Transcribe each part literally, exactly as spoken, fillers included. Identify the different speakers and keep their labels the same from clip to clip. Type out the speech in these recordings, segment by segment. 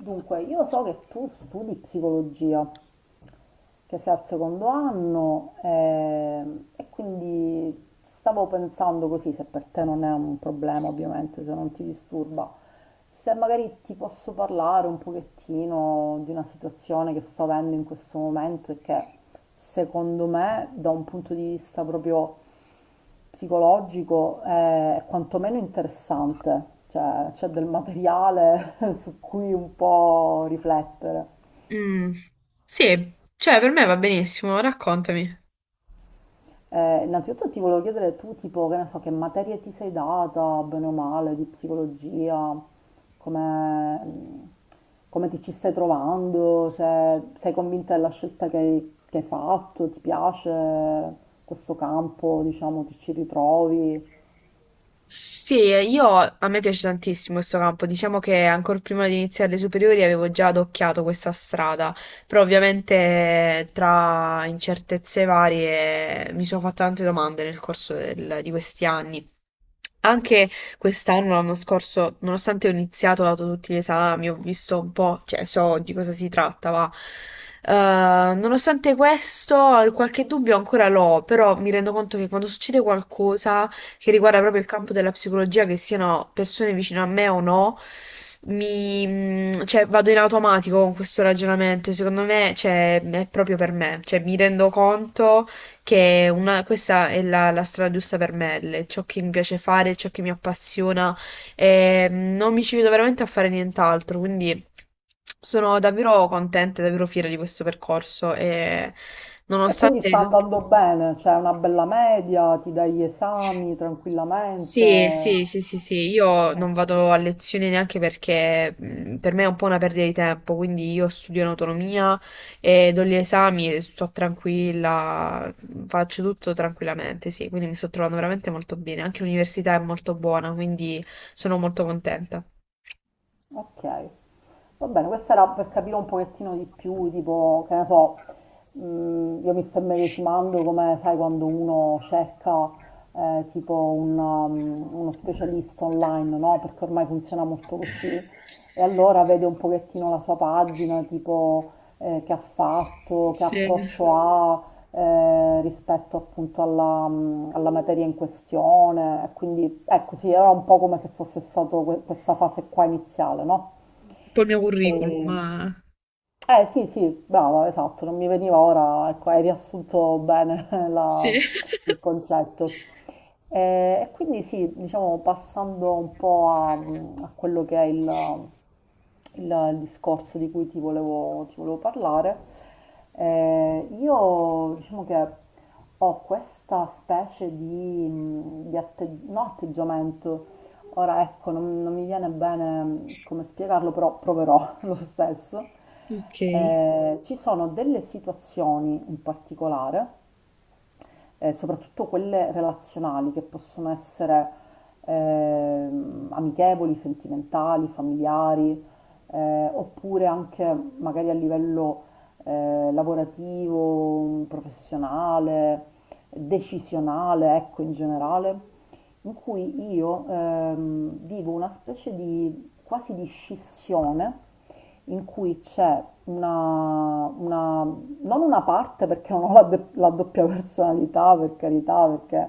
Speaker 1: Dunque, io so che tu studi psicologia che sei al secondo anno ehm, e quindi stavo pensando così, se per te non è un problema ovviamente, se non ti disturba, se magari ti posso parlare un pochettino di una situazione che sto avendo in questo momento e che secondo me da un punto di vista proprio psicologico eh, è quantomeno interessante, cioè c'è del materiale su cui un po' riflettere.
Speaker 2: Mh, sì, cioè per me va benissimo, raccontami.
Speaker 1: Eh, innanzitutto ti volevo chiedere tu, tipo, che ne so, che materie ti sei data, bene o male, di psicologia, come, come ti ci stai trovando, se sei convinta della scelta che hai, che hai fatto, ti piace questo campo, diciamo, ti ci ritrovi.
Speaker 2: Sì, io a me piace tantissimo questo campo, diciamo che ancora prima di iniziare le superiori avevo già adocchiato questa strada, però ovviamente tra incertezze varie mi sono fatte tante domande nel corso del- di questi anni. Anche quest'anno, l'anno scorso, nonostante ho iniziato, ho dato tutti gli esami, ho visto un po', cioè so di cosa si tratta, ma eh, nonostante questo, qualche dubbio ancora l'ho, però mi rendo conto che quando succede qualcosa che riguarda proprio il campo della psicologia, che siano persone vicino a me o no, mi, mm, cioè, vado in automatico con questo ragionamento, secondo me, cioè, è proprio per me, cioè, mi rendo conto che è una- questa è la, la strada giusta per me, le- ciò che mi piace fare, ciò che mi appassiona, e mm, non mi ci vedo veramente a fare nient'altro, quindi sono davvero contenta e davvero fiera di questo percorso e
Speaker 1: E quindi
Speaker 2: nonostante.
Speaker 1: sta andando bene, c'è una bella media, ti dai gli esami
Speaker 2: Sì,
Speaker 1: tranquillamente.
Speaker 2: sì, sì, sì, sì, io non
Speaker 1: Ok,
Speaker 2: vado a lezione neanche perché mh, per me è un po' una perdita di tempo, quindi io studio in autonomia e do gli esami e sto tranquilla, mhmm, faccio tutto tranquillamente, sì, quindi mi sto trovando veramente molto bene, anche l'università è molto buona, quindi sono molto contenta.
Speaker 1: ok. Va bene, questa era per capire un pochettino di più, tipo, che ne so, mh, io mi sto immedesimando come, sai, quando uno cerca eh, tipo un, um, uno specialista online, no? Perché ormai funziona molto così. E allora vede un pochettino la sua pagina, tipo, eh, che ha fatto, che
Speaker 2: Sì,
Speaker 1: approccio ha eh, rispetto appunto alla, mh, alla materia in questione. E quindi, ecco, sì, era un po' come se fosse stato que- questa fase qua iniziale, no?
Speaker 2: un po' il mio curriculum,
Speaker 1: E-
Speaker 2: ma
Speaker 1: eh sì, sì, brava, esatto, non mi veniva ora, ecco, hai riassunto bene
Speaker 2: sì.
Speaker 1: la- il concetto. E, e quindi sì, diciamo passando un po' a, a quello che è il, il discorso di cui ti volevo, ti volevo parlare. Eh, io diciamo che ho questa specie di, mm, di atte- no, atteggiamento. Ora ecco, non, non mi viene bene mm, come spiegarlo, però proverò lo stesso.
Speaker 2: Okay.
Speaker 1: Eh, ci sono delle situazioni in particolare eh, soprattutto quelle relazionali che possono essere ehm, amichevoli, sentimentali, familiari, eh, oppure anche magari a livello eh, lavorativo, professionale, decisionale, ecco in generale, in cui io ehm, vivo una specie di quasi di scissione in cui c'è una, una- non una parte perché non ho la, de- la doppia personalità, per carità, perché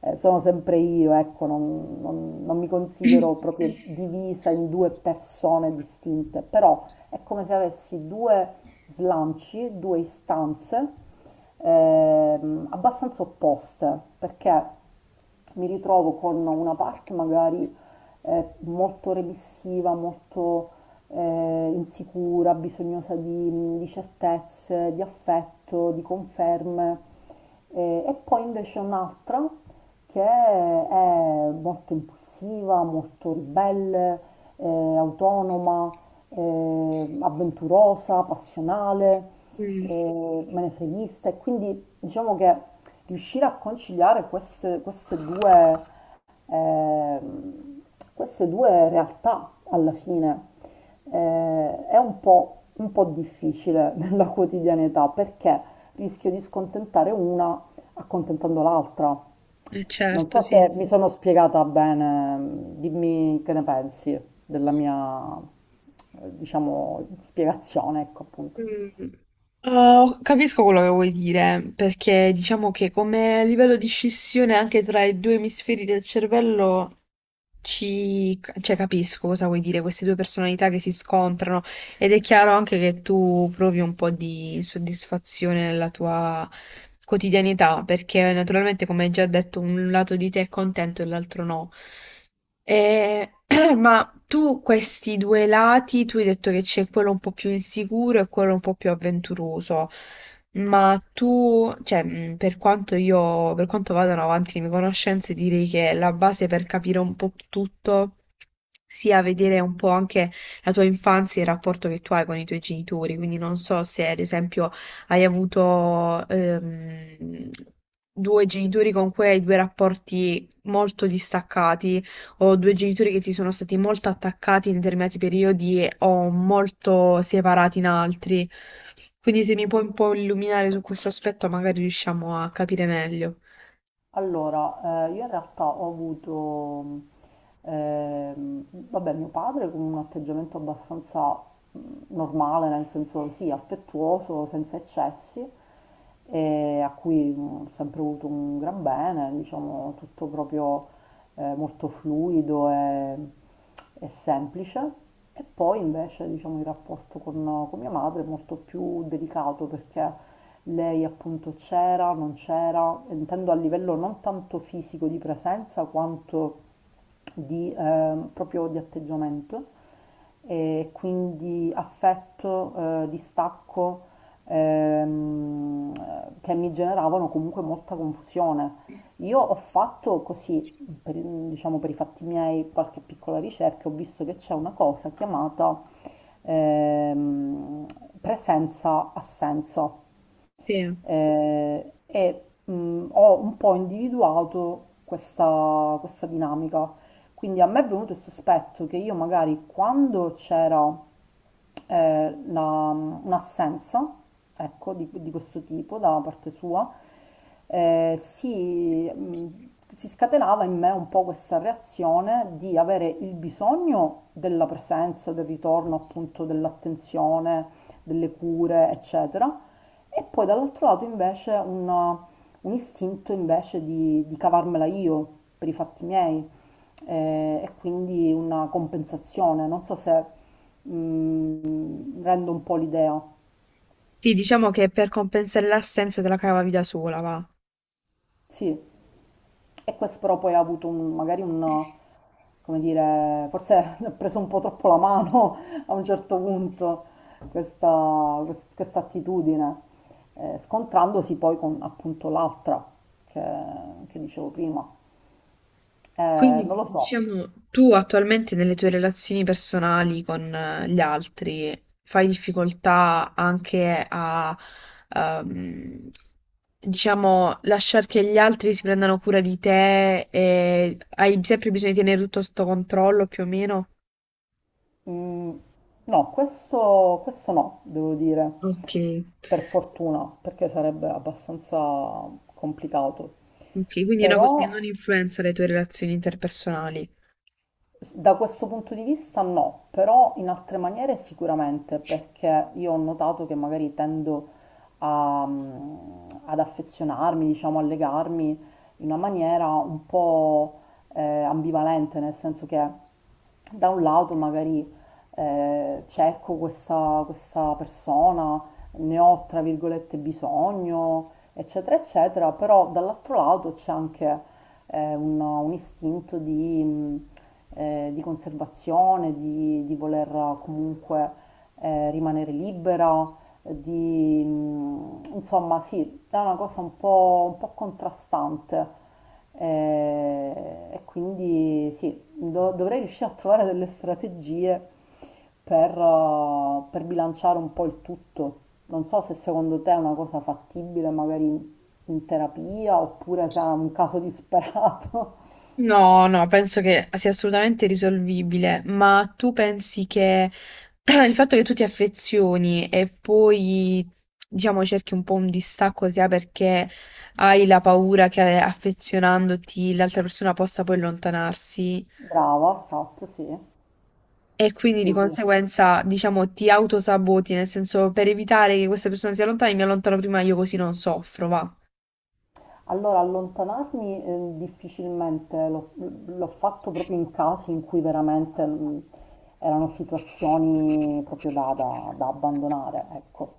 Speaker 1: eh, sono sempre io, ecco, non, non- non mi considero proprio divisa in due persone distinte, però è come se avessi due slanci, due istanze ehm, abbastanza opposte, perché mi ritrovo con una parte magari eh, molto remissiva, molto eh, insicura, bisognosa di, di certezze, di affetto, di conferme, eh, e poi invece un'altra che è molto impulsiva, molto ribelle, eh, autonoma, eh, avventurosa, passionale,
Speaker 2: Mh.
Speaker 1: eh, menefreghista. E quindi diciamo che riuscire a conciliare queste, queste due, eh, queste due realtà alla fine eh, è un po', un po' difficile nella quotidianità perché rischio di scontentare una accontentando l'altra.
Speaker 2: Eh
Speaker 1: Non
Speaker 2: certo,
Speaker 1: so se
Speaker 2: sì.
Speaker 1: mi sono spiegata bene, dimmi che ne pensi della mia, eh, diciamo, spiegazione, ecco appunto.
Speaker 2: Mh. Oh, capisco quello che vuoi dire, perché diciamo che come livello di scissione anche tra i due emisferi del cervello. Ci, cioè, capisco cosa vuoi dire, queste due personalità che si scontrano, ed è chiaro anche che tu provi un po' di insoddisfazione nella tua quotidianità, perché naturalmente, come hai già detto, un lato di te è contento e l'altro no. Ma tu questi due lati, tu hai detto che c'è quello un po' più insicuro e quello un po' più avventuroso, ma tu, cioè, mh, per quanto io, per quanto vadano avanti le mie conoscenze, direi che la base per capire un po' tutto sia vedere un po' anche la tua infanzia e il rapporto che tu hai con i tuoi genitori, quindi non so se ad esempio hai avuto ehm, due genitori con cui hai due rapporti molto distaccati, ho due genitori che ti sono stati molto attaccati in determinati periodi e o molto separati in altri. Quindi se mi puoi un po' illuminare su questo aspetto, magari riusciamo a capire meglio.
Speaker 1: Allora, eh, io in realtà ho avuto, ehm, vabbè, mio padre con un atteggiamento abbastanza mh, normale, nel senso sì, affettuoso, senza eccessi, e a cui mh, ho sempre avuto un gran bene, diciamo, tutto proprio eh, molto fluido e, e semplice. E poi invece, diciamo, il rapporto con, con mia madre è molto più delicato perché lei appunto c'era, non c'era, intendo a livello non tanto fisico di presenza quanto di, eh, proprio di atteggiamento e quindi affetto, eh, distacco ehm, che mi generavano comunque molta confusione. Io ho fatto così, per, diciamo per i fatti miei, qualche piccola ricerca, ho visto che c'è una cosa chiamata ehm, presenza-assenza
Speaker 2: Sì.
Speaker 1: eh, e mh, ho un po' individuato questa, questa dinamica. Quindi a me è venuto il sospetto che io magari quando c'era eh, la- mm, un'assenza, ecco, di, di questo tipo da parte sua, eh, si, mh, si scatenava in me un po' questa reazione di avere il bisogno della presenza, del ritorno appunto dell'attenzione, delle cure, eccetera, e poi dall'altro lato invece un, un istinto invece di, di cavarmela io per i fatti miei eh, e quindi una compensazione, non so se mm, rendo un po' l'idea,
Speaker 2: Sì, diciamo che per compensare l'assenza te la cavavi da sola, va.
Speaker 1: sì, e questo però poi ha avuto un- magari un, come dire, forse ho preso un po' troppo la mano a un certo punto questa, quest- questa attitudine, eh, scontrandosi poi con appunto l'altra che che dicevo prima. Eh, non
Speaker 2: Quindi,
Speaker 1: lo so.
Speaker 2: diciamo, tu attualmente nelle tue relazioni personali con eh, gli altri fai difficoltà anche a, ehm, diciamo, lasciare che gli altri si prendano cura di te e hai sempre bisogno di tenere tutto sotto controllo più o meno?
Speaker 1: Mm, no, questo, questo no, devo dire,
Speaker 2: Ok,
Speaker 1: per fortuna, perché sarebbe abbastanza complicato.
Speaker 2: ok, quindi è una cosa che
Speaker 1: Però
Speaker 2: non influenza le tue relazioni interpersonali.
Speaker 1: da questo punto di vista no, però in altre maniere sicuramente, perché io ho notato che magari tendo a, mm, ad affezionarmi, diciamo, a legarmi in una maniera un po' eh, ambivalente, nel senso che da un lato magari eh, cerco questa, questa persona, ne ho tra virgolette bisogno, eccetera, eccetera, però dall'altro lato c'è anche eh, un, un istinto di, mh, eh, di conservazione, di, di voler comunque eh, rimanere libera, di mh, insomma sì, è una cosa un po', un po' contrastante. Eh, e quindi sì, do- dovrei riuscire a trovare delle strategie per, eh, per bilanciare un po' il tutto. Non so se secondo te è una cosa fattibile, magari in, in terapia, oppure se è un caso disperato.
Speaker 2: No, no, penso che sia assolutamente risolvibile, ma tu pensi che il fatto che tu ti affezioni e poi, diciamo, cerchi un po' un distacco sia perché hai la paura che affezionandoti l'altra persona possa poi allontanarsi
Speaker 1: Brava, esatto, sì.
Speaker 2: e quindi
Speaker 1: Sì,
Speaker 2: di
Speaker 1: sì.
Speaker 2: conseguenza, diciamo, ti autosaboti, nel senso per evitare che questa persona si allontani, mi allontano prima io così non soffro, va.
Speaker 1: Allora, allontanarmi eh, difficilmente l'ho l'ho fatto proprio in casi in cui veramente mh, erano situazioni proprio da, da- da abbandonare, ecco.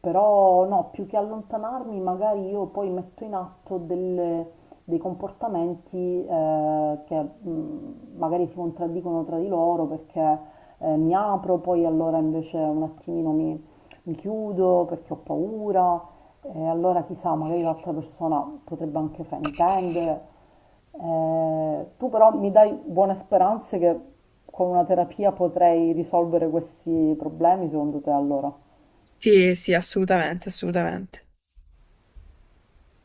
Speaker 1: Però no, più che allontanarmi, magari io poi metto in atto delle- dei comportamenti eh, che mh, magari si contraddicono tra di loro perché eh, mi apro, poi allora invece un attimino mi, mi chiudo perché ho paura, e allora chissà, magari l'altra persona potrebbe anche fraintendere. Eh, tu però mi dai buone speranze che con una terapia potrei risolvere questi problemi, secondo te allora?
Speaker 2: Sì, sì, assolutamente, assolutamente.